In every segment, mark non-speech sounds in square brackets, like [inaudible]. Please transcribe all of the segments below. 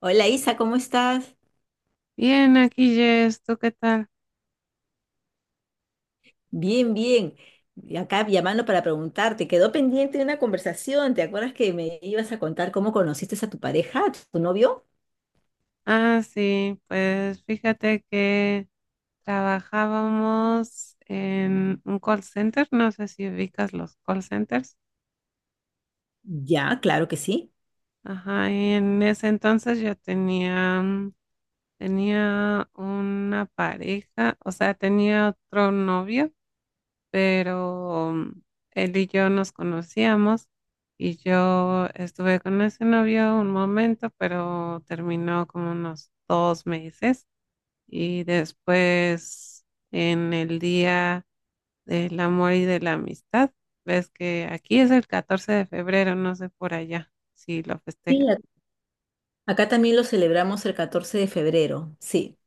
Hola Isa, ¿cómo estás? Bien, aquí Jess, ¿tú qué tal? Bien, bien. Acá llamando para preguntarte, quedó pendiente una conversación, ¿te acuerdas que me ibas a contar cómo conociste a tu pareja, a tu novio? Ah, sí, pues fíjate que trabajábamos en un call center, no sé si ubicas los call centers. Ya, claro que sí. Ajá, y en ese entonces yo tenía, tenía una pareja, o sea, tenía otro novio, pero él y yo nos conocíamos y yo estuve con ese novio un momento, pero terminó como unos 2 meses. Y después, en el Día del Amor y de la Amistad. Ves que aquí es el 14 de febrero, no sé por allá si lo Sí, festejan. Acá también lo celebramos el 14 de febrero, sí.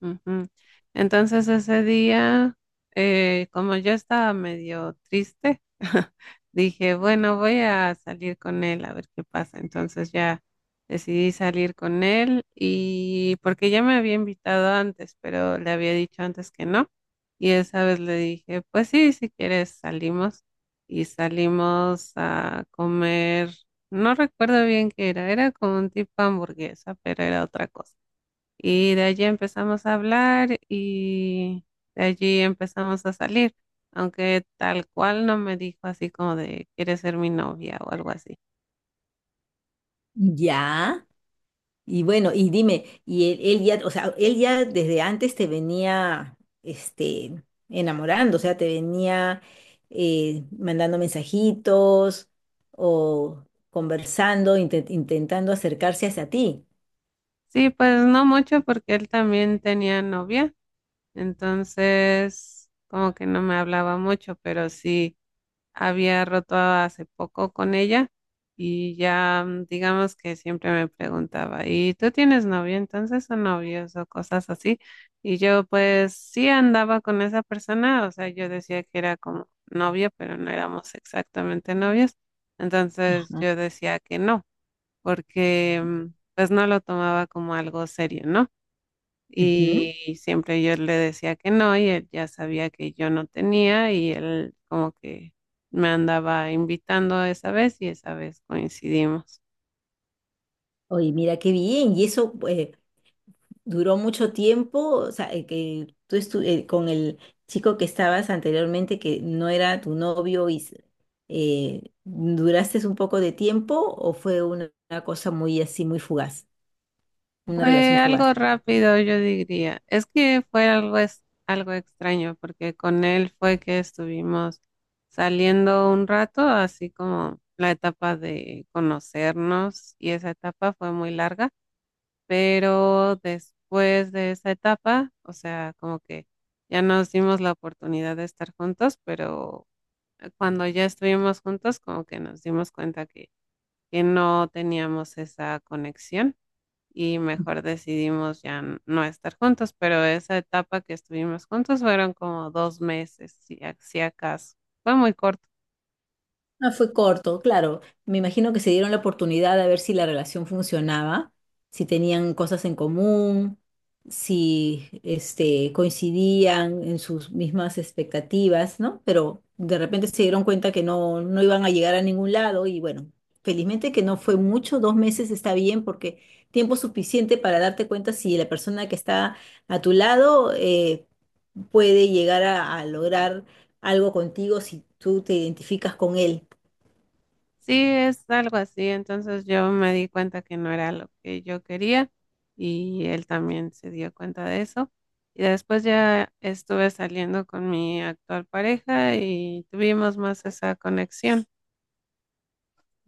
Ujú. Entonces ese día, como yo estaba medio triste, [laughs] dije, bueno, voy a salir con él a ver qué pasa. Entonces ya decidí salir con él, y porque ya me había invitado antes, pero le había dicho antes que no. Y esa vez le dije, pues sí, si quieres salimos. Y salimos a comer, no recuerdo bien qué era, era como un tipo hamburguesa, pero era otra cosa. Y de allí empezamos a hablar y de allí empezamos a salir, aunque tal cual no me dijo así como de, ¿quieres ser mi novia o algo así? Ya. Y bueno, y dime, o sea, él ya desde antes te venía, este, enamorando, o sea, te venía mandando mensajitos o conversando, intentando acercarse hacia ti. Sí, pues no mucho porque él también tenía novia, entonces como que no me hablaba mucho, pero sí. Había roto hace poco con ella y ya, digamos que siempre me preguntaba, ¿y tú tienes novio entonces o novios o cosas así? Y yo pues sí andaba con esa persona, o sea, yo decía que era como novio, pero no éramos exactamente novios, entonces Ajá. yo decía que no, porque pues no lo tomaba como algo serio, ¿no? Ujú. Y siempre yo le decía que no, y él ya sabía que yo no tenía, y él como que me andaba invitando esa vez y esa vez coincidimos. Oye, mira qué bien, y eso, pues, duró mucho tiempo, o sea, que tú con el chico que estabas anteriormente, que no era tu novio, ¿duraste un poco de tiempo o fue una cosa muy así, muy fugaz, una relación Fue fugaz? algo rápido, yo diría. Es que fue algo, es, algo extraño porque con él fue que estuvimos saliendo un rato, así como la etapa de conocernos, y esa etapa fue muy larga, pero después de esa etapa, o sea, como que ya nos dimos la oportunidad de estar juntos, pero cuando ya estuvimos juntos, como que nos dimos cuenta que no teníamos esa conexión, y mejor decidimos ya no estar juntos, pero esa etapa que estuvimos juntos fueron como 2 meses, si acaso. Fue muy corto. No fue corto, claro. Me imagino que se dieron la oportunidad de ver si la relación funcionaba, si tenían cosas en común, si este, coincidían en sus mismas expectativas, ¿no? Pero de repente se dieron cuenta que no, no iban a llegar a ningún lado y bueno, felizmente que no fue mucho, dos meses está bien porque tiempo suficiente para darte cuenta si la persona que está a tu lado puede llegar a lograr algo contigo si tú te identificas con él. Sí, es algo así. Entonces yo me di cuenta que no era lo que yo quería y él también se dio cuenta de eso. Y después ya estuve saliendo con mi actual pareja y tuvimos más esa conexión.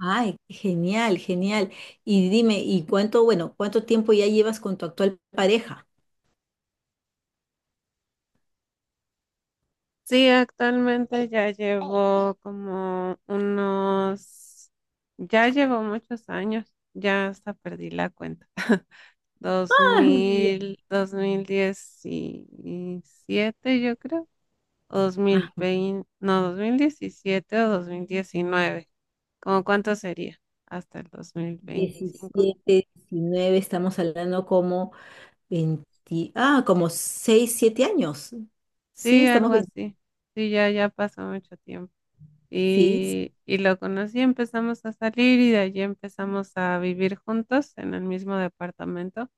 Ay, genial, genial. Y dime, ¿y cuánto, bueno, cuánto tiempo ya llevas con tu actual pareja? Sí, actualmente ya llevo muchos años, ya hasta perdí la cuenta. [laughs] Dos dos Ah, no, mira. mil, dos mil diecisiete, yo creo. O Ah, 2020, no, 2017 o 2019. ¿Cómo cuánto sería? Hasta el 2025. 17, 19, estamos hablando como 20, ah, como 6, 7 años. Sí, Sí, algo estamos 20, así. Sí, ya, ya pasó mucho tiempo. sí. Y lo conocí, empezamos a salir y de allí empezamos a vivir juntos en el mismo departamento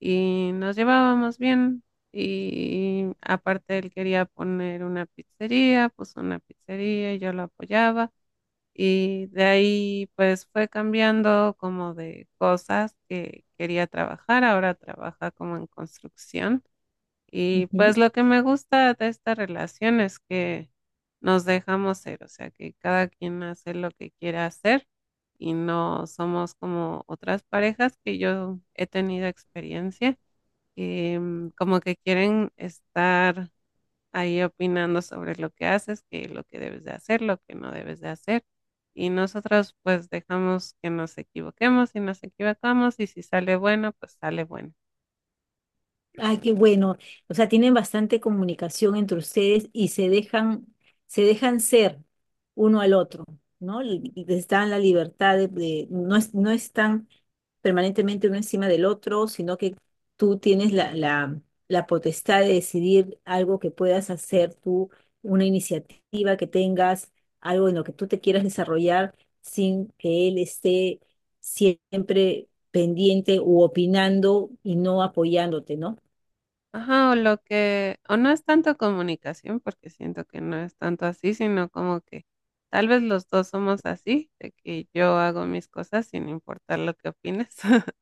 y nos llevábamos bien. Y aparte él quería poner una pizzería, puso una pizzería y yo lo apoyaba. Y de ahí pues fue cambiando como de cosas que quería trabajar, ahora trabaja como en construcción. Y ujú. pues lo que me gusta de esta relación es que nos dejamos ser, o sea que cada quien hace lo que quiere hacer y no somos como otras parejas que yo he tenido experiencia, que como que quieren estar ahí opinando sobre lo que haces, que lo que debes de hacer, lo que no debes de hacer. Y nosotros pues dejamos que nos equivoquemos, y nos equivocamos, y si sale bueno, pues sale bueno. Ay, qué bueno. O sea, tienen bastante comunicación entre ustedes y se dejan ser uno al otro, ¿no? Les dan la libertad de, no es, no están permanentemente uno encima del otro, sino que tú tienes la potestad de decidir algo que puedas hacer tú, una iniciativa que tengas, algo en lo que tú te quieras desarrollar sin que él esté siempre pendiente u opinando y no apoyándote, ¿no? Ajá, o lo que, o no es tanto comunicación, porque siento que no es tanto así, sino como que tal vez los dos somos así, de que yo hago mis cosas sin importar lo que opines. [laughs]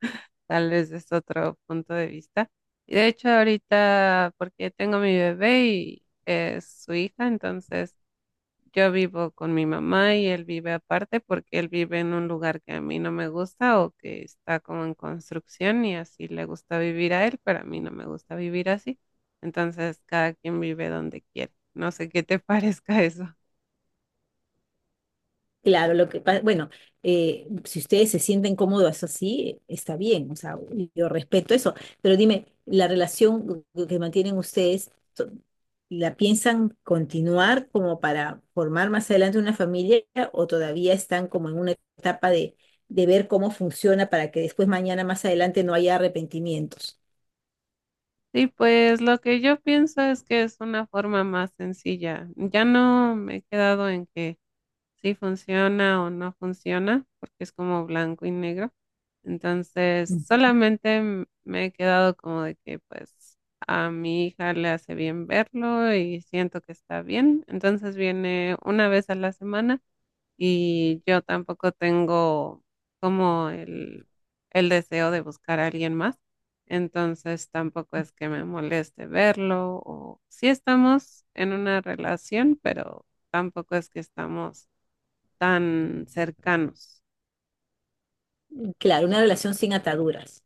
Tal vez es otro punto de vista. Y de hecho ahorita, porque tengo mi bebé y es su hija, entonces yo vivo con mi mamá y él vive aparte porque él vive en un lugar que a mí no me gusta o que está como en construcción y así le gusta vivir a él, pero a mí no me gusta vivir así. Entonces, cada quien vive donde quiere. No sé qué te [laughs] parezca eso. Claro, lo que pasa, bueno, si ustedes se sienten cómodos así, está bien, o sea, yo respeto eso, pero dime, la relación que mantienen ustedes, so- ¿la piensan continuar como para formar más adelante una familia o todavía están como en una etapa de ver cómo funciona para que después mañana más adelante no haya arrepentimientos? Sí, pues lo que yo pienso es que es una forma más sencilla. Ya no me he quedado en que si funciona o no funciona, porque es como blanco y negro. Entonces, Mm. solamente me he quedado como de que pues a mi hija le hace bien verlo y siento que está bien. Entonces viene una vez a la semana, y yo tampoco tengo como el, deseo de buscar a alguien más. Entonces tampoco es que me moleste verlo, o sí estamos en una relación, pero tampoco es que estamos tan cercanos. Claro, una relación sin ataduras.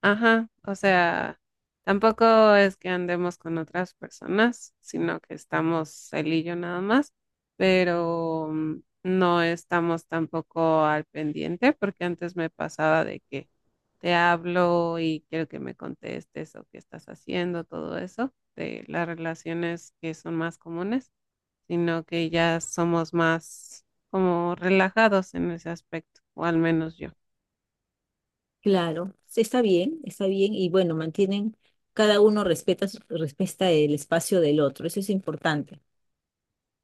Ajá, o sea, tampoco es que andemos con otras personas, sino que estamos él y yo nada más, pero no estamos tampoco al pendiente, porque antes me pasaba de que te hablo y quiero que me contestes o qué estás haciendo, todo eso, de las relaciones que son más comunes, sino que ya somos más como relajados en ese aspecto, o al menos yo. Claro, sí, está bien y bueno, mantienen, cada uno respeta, respeta el espacio del otro, eso es importante.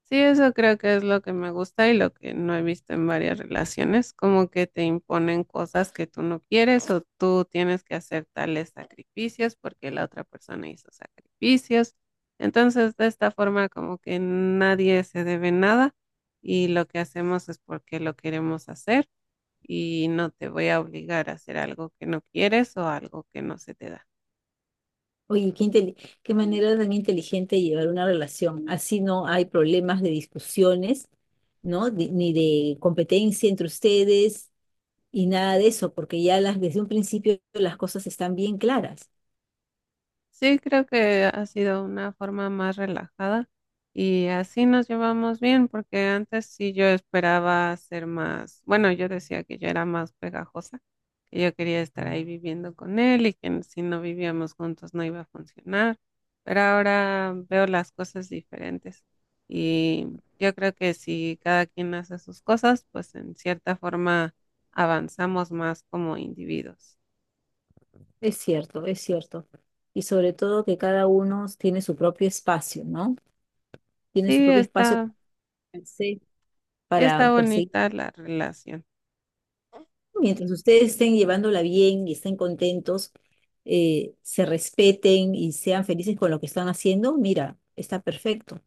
Sí, eso creo que es lo que me gusta y lo que no he visto en varias relaciones, como que te imponen cosas que tú no quieres o tú tienes que hacer tales sacrificios porque la otra persona hizo sacrificios. Entonces, de esta forma, como que nadie se debe nada, y lo que hacemos es porque lo queremos hacer, y no te voy a obligar a hacer algo que no quieres o algo que no se te da. Oye, qué manera tan inteligente de llevar una relación, así no hay problemas de discusiones, ¿no? Ni de competencia entre ustedes y nada de eso, porque ya las, desde un principio las cosas están bien claras. Sí, creo que ha sido una forma más relajada y así nos llevamos bien, porque antes sí yo esperaba ser más, bueno, yo decía que yo era más pegajosa, que yo quería estar ahí viviendo con él y que si no vivíamos juntos no iba a funcionar, pero ahora veo las cosas diferentes y yo creo que si cada quien hace sus cosas, pues en cierta forma avanzamos más como individuos. Es cierto, es cierto. Y sobre todo que cada uno tiene su propio espacio, ¿no? Tiene su Sí, propio espacio está, para hacer- para está perseguir. bonita la relación. Mientras ustedes estén llevándola bien y estén contentos, se respeten y sean felices con lo que están haciendo, mira, está perfecto.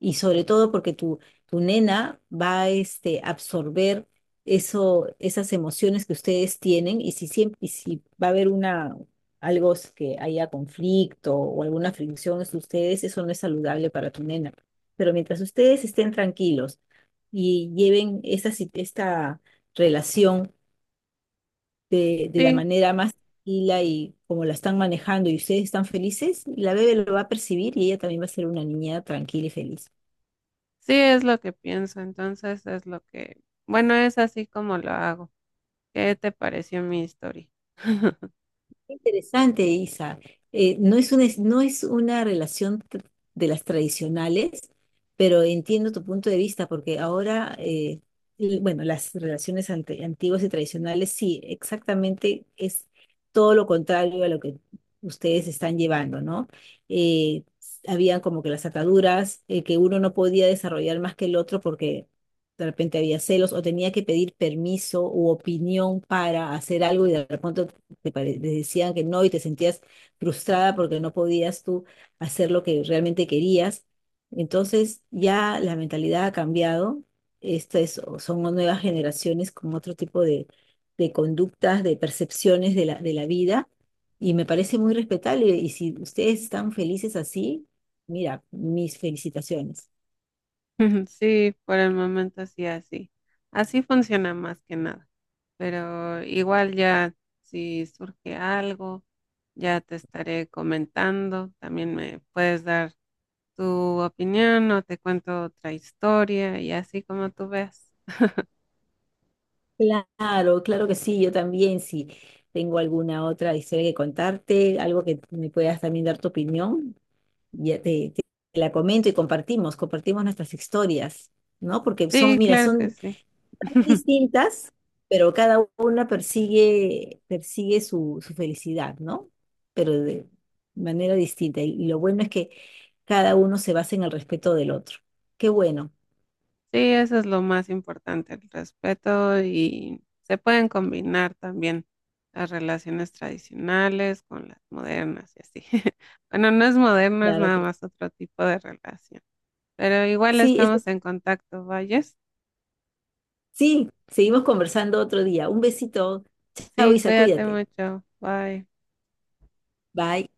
Y sobre todo porque tu nena va a este, absorber eso, esas emociones que ustedes tienen y si, siempre, y si va a haber una, que haya conflicto o alguna fricción entre ustedes, eso no es saludable para tu nena. Pero mientras ustedes estén tranquilos y lleven esa, si- esta relación de la Sí, manera más tranquila y como la están manejando y ustedes están felices, la bebé lo va a percibir y ella también va a ser una niña tranquila y feliz. sí es lo que pienso, entonces es lo que, bueno, es así como lo hago. ¿Qué te pareció mi historia? [laughs] Interesante, Isa. No es una relación de las tradicionales, pero entiendo tu punto de vista, porque ahora, bueno, las relaciones antiguas y tradicionales, sí, exactamente es todo lo contrario a lo que ustedes están llevando, ¿no? Eh, habían como que las ataduras, que uno no podía desarrollar más que el otro porque de repente había celos o tenía que pedir permiso u opinión para hacer algo y de repente te decían que no y te sentías frustrada porque no podías tú hacer lo que realmente querías. Entonces ya la mentalidad ha cambiado. Estas son nuevas generaciones con otro tipo de conductas, de percepciones de de la vida y me parece muy respetable. Y si ustedes están felices así, mira, mis felicitaciones. Sí, por el momento sí, así. Así funciona más que nada. Pero igual ya, si surge algo, ya te estaré comentando. También me puedes dar tu opinión o te cuento otra historia y así como tú veas. Claro, claro que sí, yo también, si tengo alguna otra historia que contarte, algo que me puedas también dar tu opinión, ya te, te- la comento y compartimos, compartimos nuestras historias, ¿no? Porque son, Sí, mira, claro que son sí. tan [laughs] distintas, pero cada una persigue, persigue su felicidad, ¿no? Pero de manera distinta. Y lo bueno es que cada uno se basa en el respeto del otro. Qué bueno. Sí, eso es lo más importante, el respeto, y se pueden combinar también las relaciones tradicionales con las modernas y así. [laughs] Bueno, no es moderno, es Claro nada que más otro tipo de relación, pero igual sí, eso, estamos en contacto, ¿vayas? sí, seguimos conversando otro día. Un besito. Chao, Sí, Isa, cuídate cuídate. mucho, bye. Bye.